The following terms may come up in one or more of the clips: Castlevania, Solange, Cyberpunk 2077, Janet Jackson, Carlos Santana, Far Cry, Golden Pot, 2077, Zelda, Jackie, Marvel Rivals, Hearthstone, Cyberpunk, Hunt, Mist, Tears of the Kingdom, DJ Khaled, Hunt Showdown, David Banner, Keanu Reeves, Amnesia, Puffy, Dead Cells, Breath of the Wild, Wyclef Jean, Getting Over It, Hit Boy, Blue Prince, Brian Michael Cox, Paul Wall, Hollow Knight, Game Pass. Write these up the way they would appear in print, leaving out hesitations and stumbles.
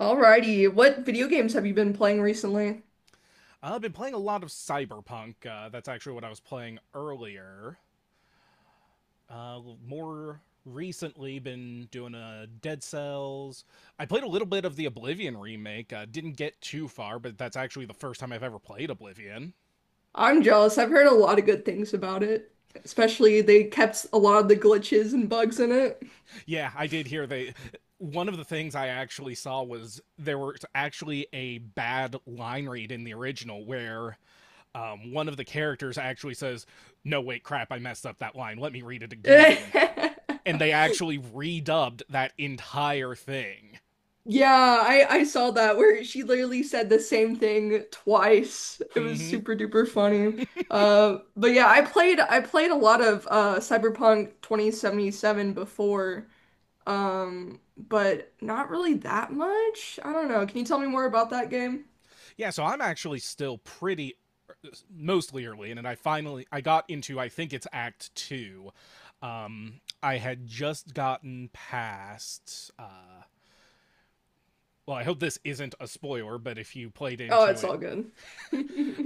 Alrighty, what video games have you been playing recently? I've been playing a lot of Cyberpunk. That's actually what I was playing earlier. More recently, been doing a Dead Cells. I played a little bit of the Oblivion remake. Didn't get too far, but that's actually the first time I've ever played Oblivion. I'm jealous. I've heard a lot of good things about it. Especially they kept a lot of the glitches and bugs in it. Yeah, I did hear they. One of the things I actually saw was there was actually a bad line read in the original where one of the characters actually says, "No, wait, crap, I messed up that line. Let me read it again," and they actually redubbed that entire thing. Yeah, I saw that where she literally said the same thing twice. It was Hmm. super duper funny. But yeah, I played a lot of Cyberpunk 2077 before. But not really that much. I don't know. Can you tell me more about that game? Yeah, so I'm actually still pretty mostly early in, and I finally I got into I think it's Act Two. I had just gotten past. Well, I hope this isn't a spoiler, but if you played Oh, into it's it, all good.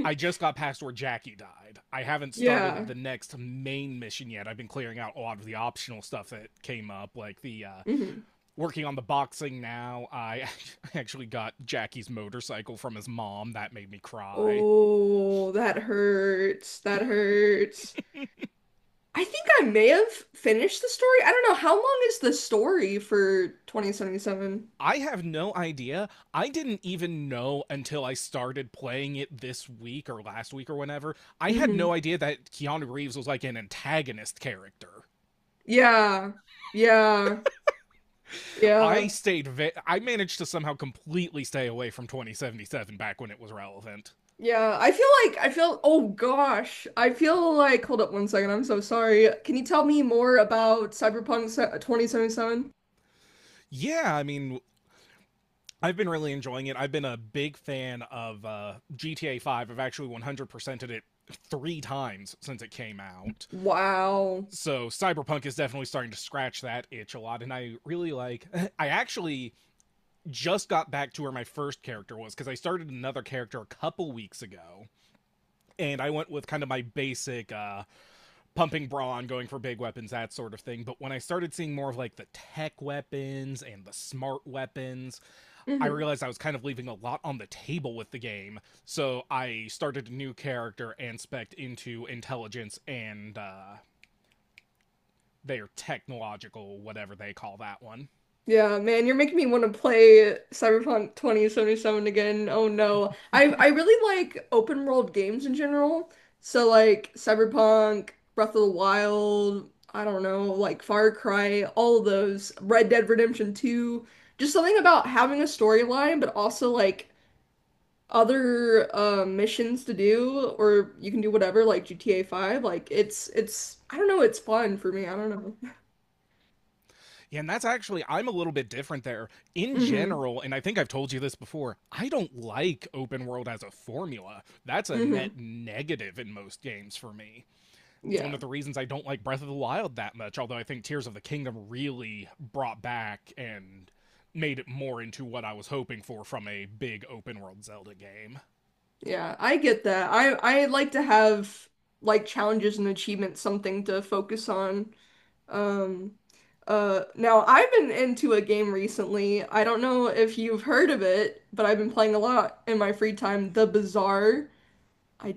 I just got past where Jackie died. I haven't started Yeah. the next main mission yet. I've been clearing out a lot of the optional stuff that came up, like the hmm working on the boxing now. I actually got Jackie's motorcycle from his mom. That made me cry. Oh, that hurts. That hurts. I think I may have finished the story. I don't know. How long is the story for 2077? I have no idea. I didn't even know until I started playing it this week or last week or whenever. I had Hmm. no idea that Keanu Reeves was like an antagonist character. Yeah. Yeah. Yeah. I managed to somehow completely stay away from 2077 back when it was relevant. Yeah. I feel oh gosh. I feel like hold up one second. I'm so sorry. Can you tell me more about 2077? Yeah, I mean, I've been really enjoying it. I've been a big fan of GTA 5. I've actually 100%ed it three times since it came out. Wow. So Cyberpunk is definitely starting to scratch that itch a lot. And I really like, I actually just got back to where my first character was because I started another character a couple weeks ago. And I went with kind of my basic pumping brawn, going for big weapons, that sort of thing. But when I started seeing more of like the tech weapons and the smart weapons, I Mhm. realized I was kind of leaving a lot on the table with the game. So I started a new character and spec into intelligence and their technological, whatever they call that one. Yeah, man, you're making me want to play Cyberpunk 2077 again. Oh no. I really like open world games in general. So like Cyberpunk, Breath of the Wild, I don't know, like Far Cry, all of those, Red Dead Redemption 2. Just something about having a storyline, but also like other missions to do, or you can do whatever, like GTA 5. Like it's I don't know, it's fun for me. I don't know. Yeah, and that's actually, I'm a little bit different there. In Mm-hmm. general, and I think I've told you this before, I don't like open world as a formula. That's a net Mm-hmm. negative in most games for me. It's one Yeah. of the reasons I don't like Breath of the Wild that much, although I think Tears of the Kingdom really brought back and made it more into what I was hoping for from a big open world Zelda game. Yeah, I get that. I like to have like challenges and achievements, something to focus on. Um, now I've been into a game recently. I don't know if you've heard of it, but I've been playing a lot in my free time. The Bazaar. I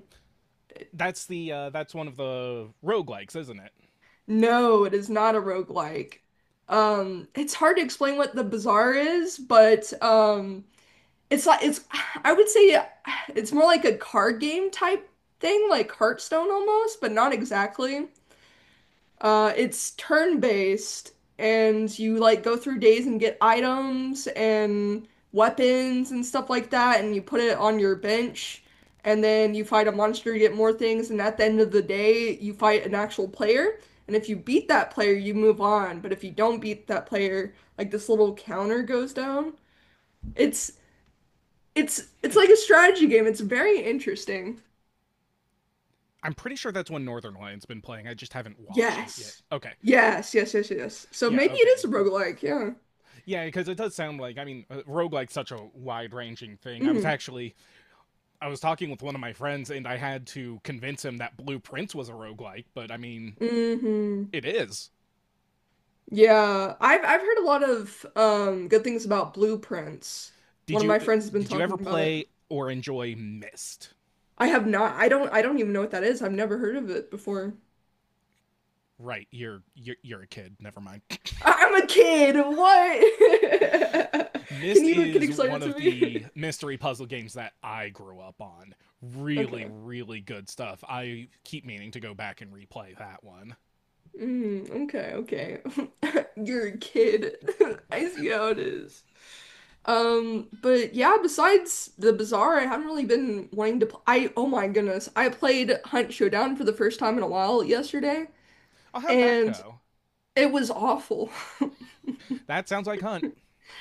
That's the that's one of the roguelikes, isn't it? No, it is not a roguelike. It's hard to explain what the Bazaar is, but it's like it's. I would say it's more like a card game type thing, like Hearthstone almost, but not exactly. It's turn-based, and you like go through days and get items and weapons and stuff like that, and you put it on your bench, and then you fight a monster, you get more things, and at the end of the day, you fight an actual player. And if you beat that player, you move on. But if you don't beat that player, like this little counter goes down. It's it's Hmm. like a strategy game. It's very interesting. I'm pretty sure that's one Northern Lion's been playing. I just haven't watched it yet. Yes. Okay. Yes, yes, yes, yes. So Yeah, maybe it is okay. a roguelike, yeah. Yeah, because it does sound like, I mean, roguelike's such a wide ranging thing. Hmm. I was talking with one of my friends and I had to convince him that Blue Prince was a roguelike, but I mean, Hmm. it is. Yeah, I've heard a lot of good things about blueprints. Did One of you my uh, friends has been did you ever talking about it. play or enjoy Mist? I have not. I don't even know what that is. I've never heard of it before. Right, you're a kid. Never mind. I'm a kid. What? Can Mist you is explain it one of to me? the mystery puzzle games that I grew up on. Really, Okay. really good stuff. I keep meaning to go back and replay that one. Mm, okay. Okay. You're a kid. I see how it is. But yeah, besides the Bazaar, I haven't really been wanting to pl I oh my goodness. I played Hunt Showdown for the first time in a while yesterday, Oh, how'd that and go? it was awful. That sounds like Hunt.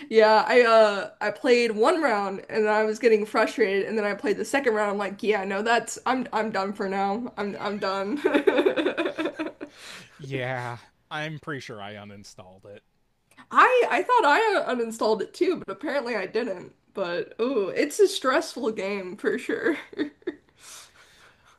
Yeah, I played one round and then I was getting frustrated and then I played the second round. I'm like, yeah, no, that's I'm done for now. I'm done. Yeah, I'm pretty sure I uninstalled it. I thought I uninstalled it too, but apparently I didn't. But oh, it's a stressful game for sure.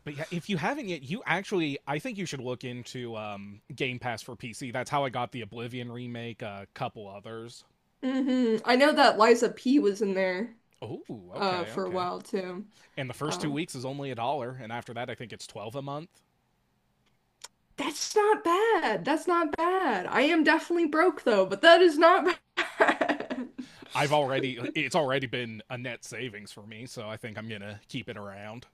But yeah, if you haven't yet, you actually, I think you should look into Game Pass for PC. That's how I got the Oblivion remake, a couple others. Hmm. I know that Liza P was in there Oh, okay, for a okay. while too. And the first two Um, weeks is only a dollar, and after that I think it's 12 a month. that's not bad. That's not bad. I am definitely broke though, but that is not bad. I've already it's already been a net savings for me, so I think I'm gonna keep it around.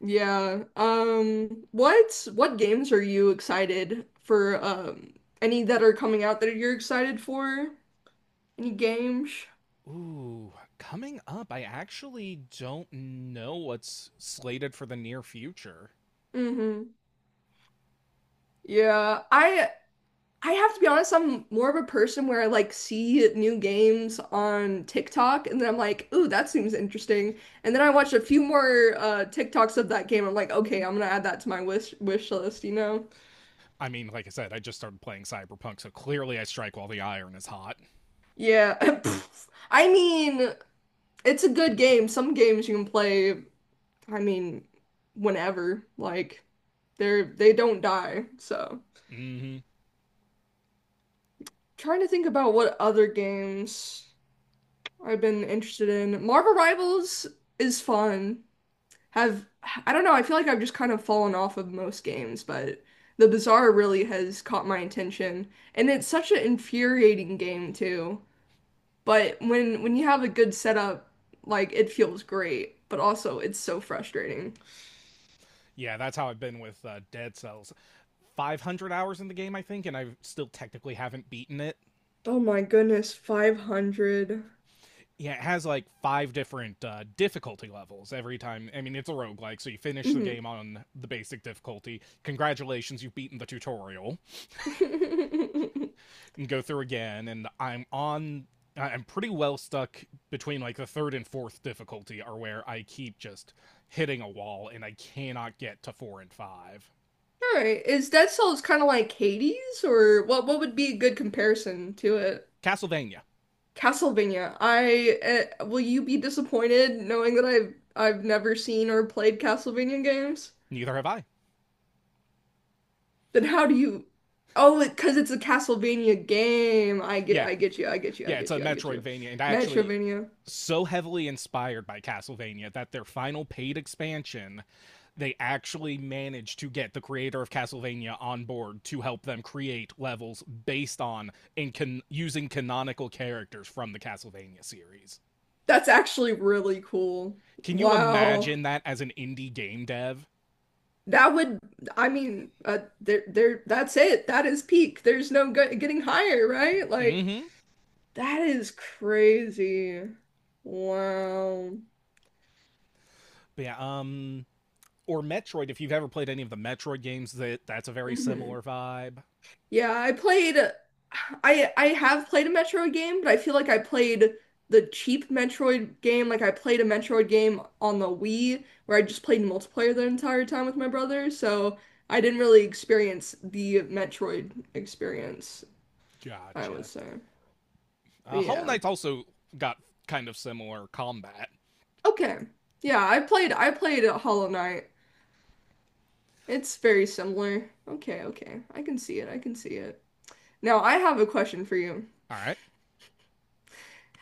Yeah. Um, what games are you excited for, um, any that are coming out that you're excited for? Any games? Ooh, coming up I actually don't know what's slated for the near future. Hmm. Yeah, I have to be honest, I'm more of a person where I like see new games on TikTok and then I'm like, ooh, that seems interesting. And then I watch a few more TikToks of that game. I'm like, okay, I'm gonna add that to my wish list, you know? I mean, like I said, I just started playing Cyberpunk, so clearly I strike while the iron is hot. Yeah. I mean, it's a good game. Some games you can play, I mean, whenever. Like they're they don't die. So Mm-hmm. trying to think about what other games I've been interested in. Marvel Rivals is fun. Have I don't know, I feel like I've just kind of fallen off of most games, but The Bazaar really has caught my attention. And it's such an infuriating game too. But when you have a good setup, like it feels great, but also it's so frustrating. Yeah, that's how I've been with Dead Cells. 500 hours in the game I think, and I still technically haven't beaten it. Oh my goodness, 500. Yeah, it has like five different difficulty levels every time. I mean, it's a roguelike, so you finish the Mm-hmm. game on the basic difficulty. Congratulations, you've beaten the tutorial. And go through again, and I'm on. I'm pretty well stuck between like the third and fourth difficulty, are where I keep just hitting a wall and I cannot get to four and five. All right. Is Dead Cells kind of like Hades, or what would be a good comparison to Castlevania. Castlevania. I will you be disappointed knowing that I've never seen or played Castlevania games? Neither have I. Then how do you? Oh, it, because it's a Castlevania game. I get Yeah, Yeah, it's a I get you. Metroidvania, and actually Metroidvania. so heavily inspired by Castlevania that their final paid expansion, they actually managed to get the creator of Castlevania on board to help them create levels based on and can using canonical characters from the Castlevania series. That's actually really cool. Can you Wow. imagine that as an indie game dev? That would, I mean, that's it. That is peak. There's no go getting higher, right? Like, Mm-hmm. that is crazy. Wow. But yeah, or Metroid, if you've ever played any of the Metroid games, that's a very similar Mhm. vibe. Yeah, I have played a Metroid game, but I feel like I played the cheap Metroid game. Like I played a Metroid game on the Wii where I just played multiplayer the entire time with my brother, so I didn't really experience the Metroid experience, I would Gotcha. say. But Hollow yeah. Knight's also got kind of similar combat. Okay. Yeah, I played Hollow Knight. It's very similar. Okay, okay. I can see it. Now, I have a question for you. All right,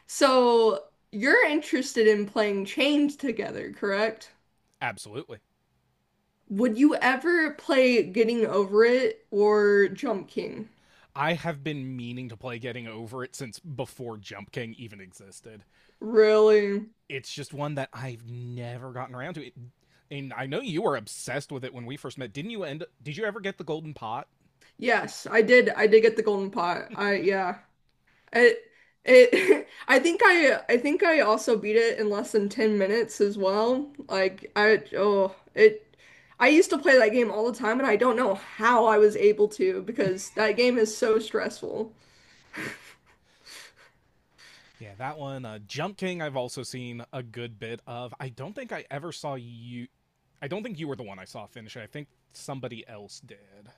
So you're interested in playing Chained Together, correct? absolutely. Would you ever play Getting Over It or Jump King? I have been meaning to play Getting Over It since before Jump King even existed. Really? It's just one that I've never gotten around to. It, and I know you were obsessed with it when we first met. Didn't you end? Did you ever get the Golden Pot? Yes, I did. I did get the golden pot. I yeah. It it I think I also beat it in less than 10 minutes as well. Like I oh, it I used to play that game all the time and I don't know how I was able to because that game is so stressful. Yeah, that one. Jump King. I've also seen a good bit of. I don't think I ever saw you. I don't think you were the one I saw finish it. I think somebody else did.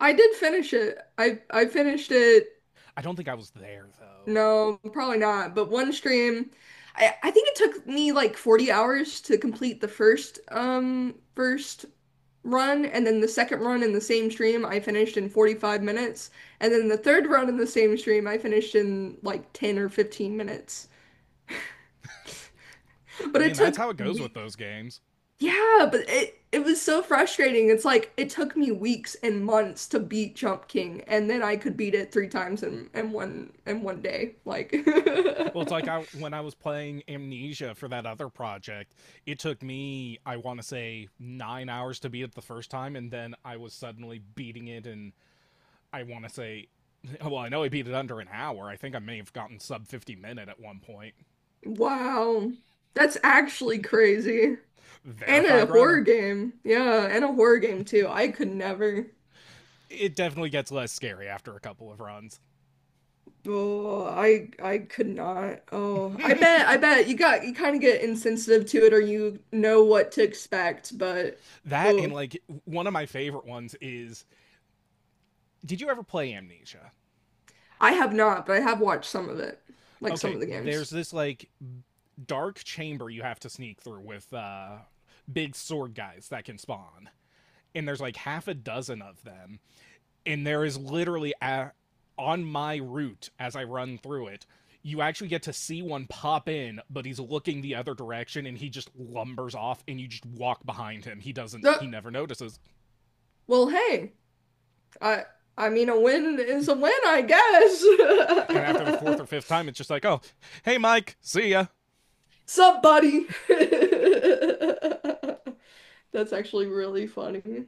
I did finish it. I finished it. I don't think I was there though. No, probably not. But one stream, I think it took me like 40 hours to complete the first run, and then the second run in the same stream I finished in 45 minutes, and then the third run in the same stream I finished in like 10 or 15 minutes. I But it mean, that's took how it goes with weeks. those games. Yeah, but it was so frustrating. It's like it took me weeks and months to beat Jump King, and then I could beat it three times in in one day. Like Well, it's like I when I was playing Amnesia for that other project, it took me I want to say 9 hours to beat it the first time, and then I was suddenly beating it in I want to say well, I know I beat it under an hour. I think I may have gotten sub 50 minute at one point. Wow. That's actually crazy. And a Verified horror runner. game. Yeah, and a horror game too. I could never. It definitely gets less scary after a couple of runs. Oh, I could not. Oh, I bet you got you kind of get insensitive to it or you know what to expect, but That and oh, like one of my favorite ones is did you ever play Amnesia? I have not, but I have watched some of it, like some Okay, of the games. there's this like dark chamber you have to sneak through with big sword guys that can spawn. And there's like half a dozen of them. And there is literally a, on my route as I run through it, you actually get to see one pop in, but he's looking the other direction and he just lumbers off and you just walk behind him. He doesn't, Uh, he never notices. Hey, I I mean a win is a win, I And after the fourth guess. or fifth time, it's just like, oh, hey, Mike, see ya. Sup, buddy? That's actually really funny.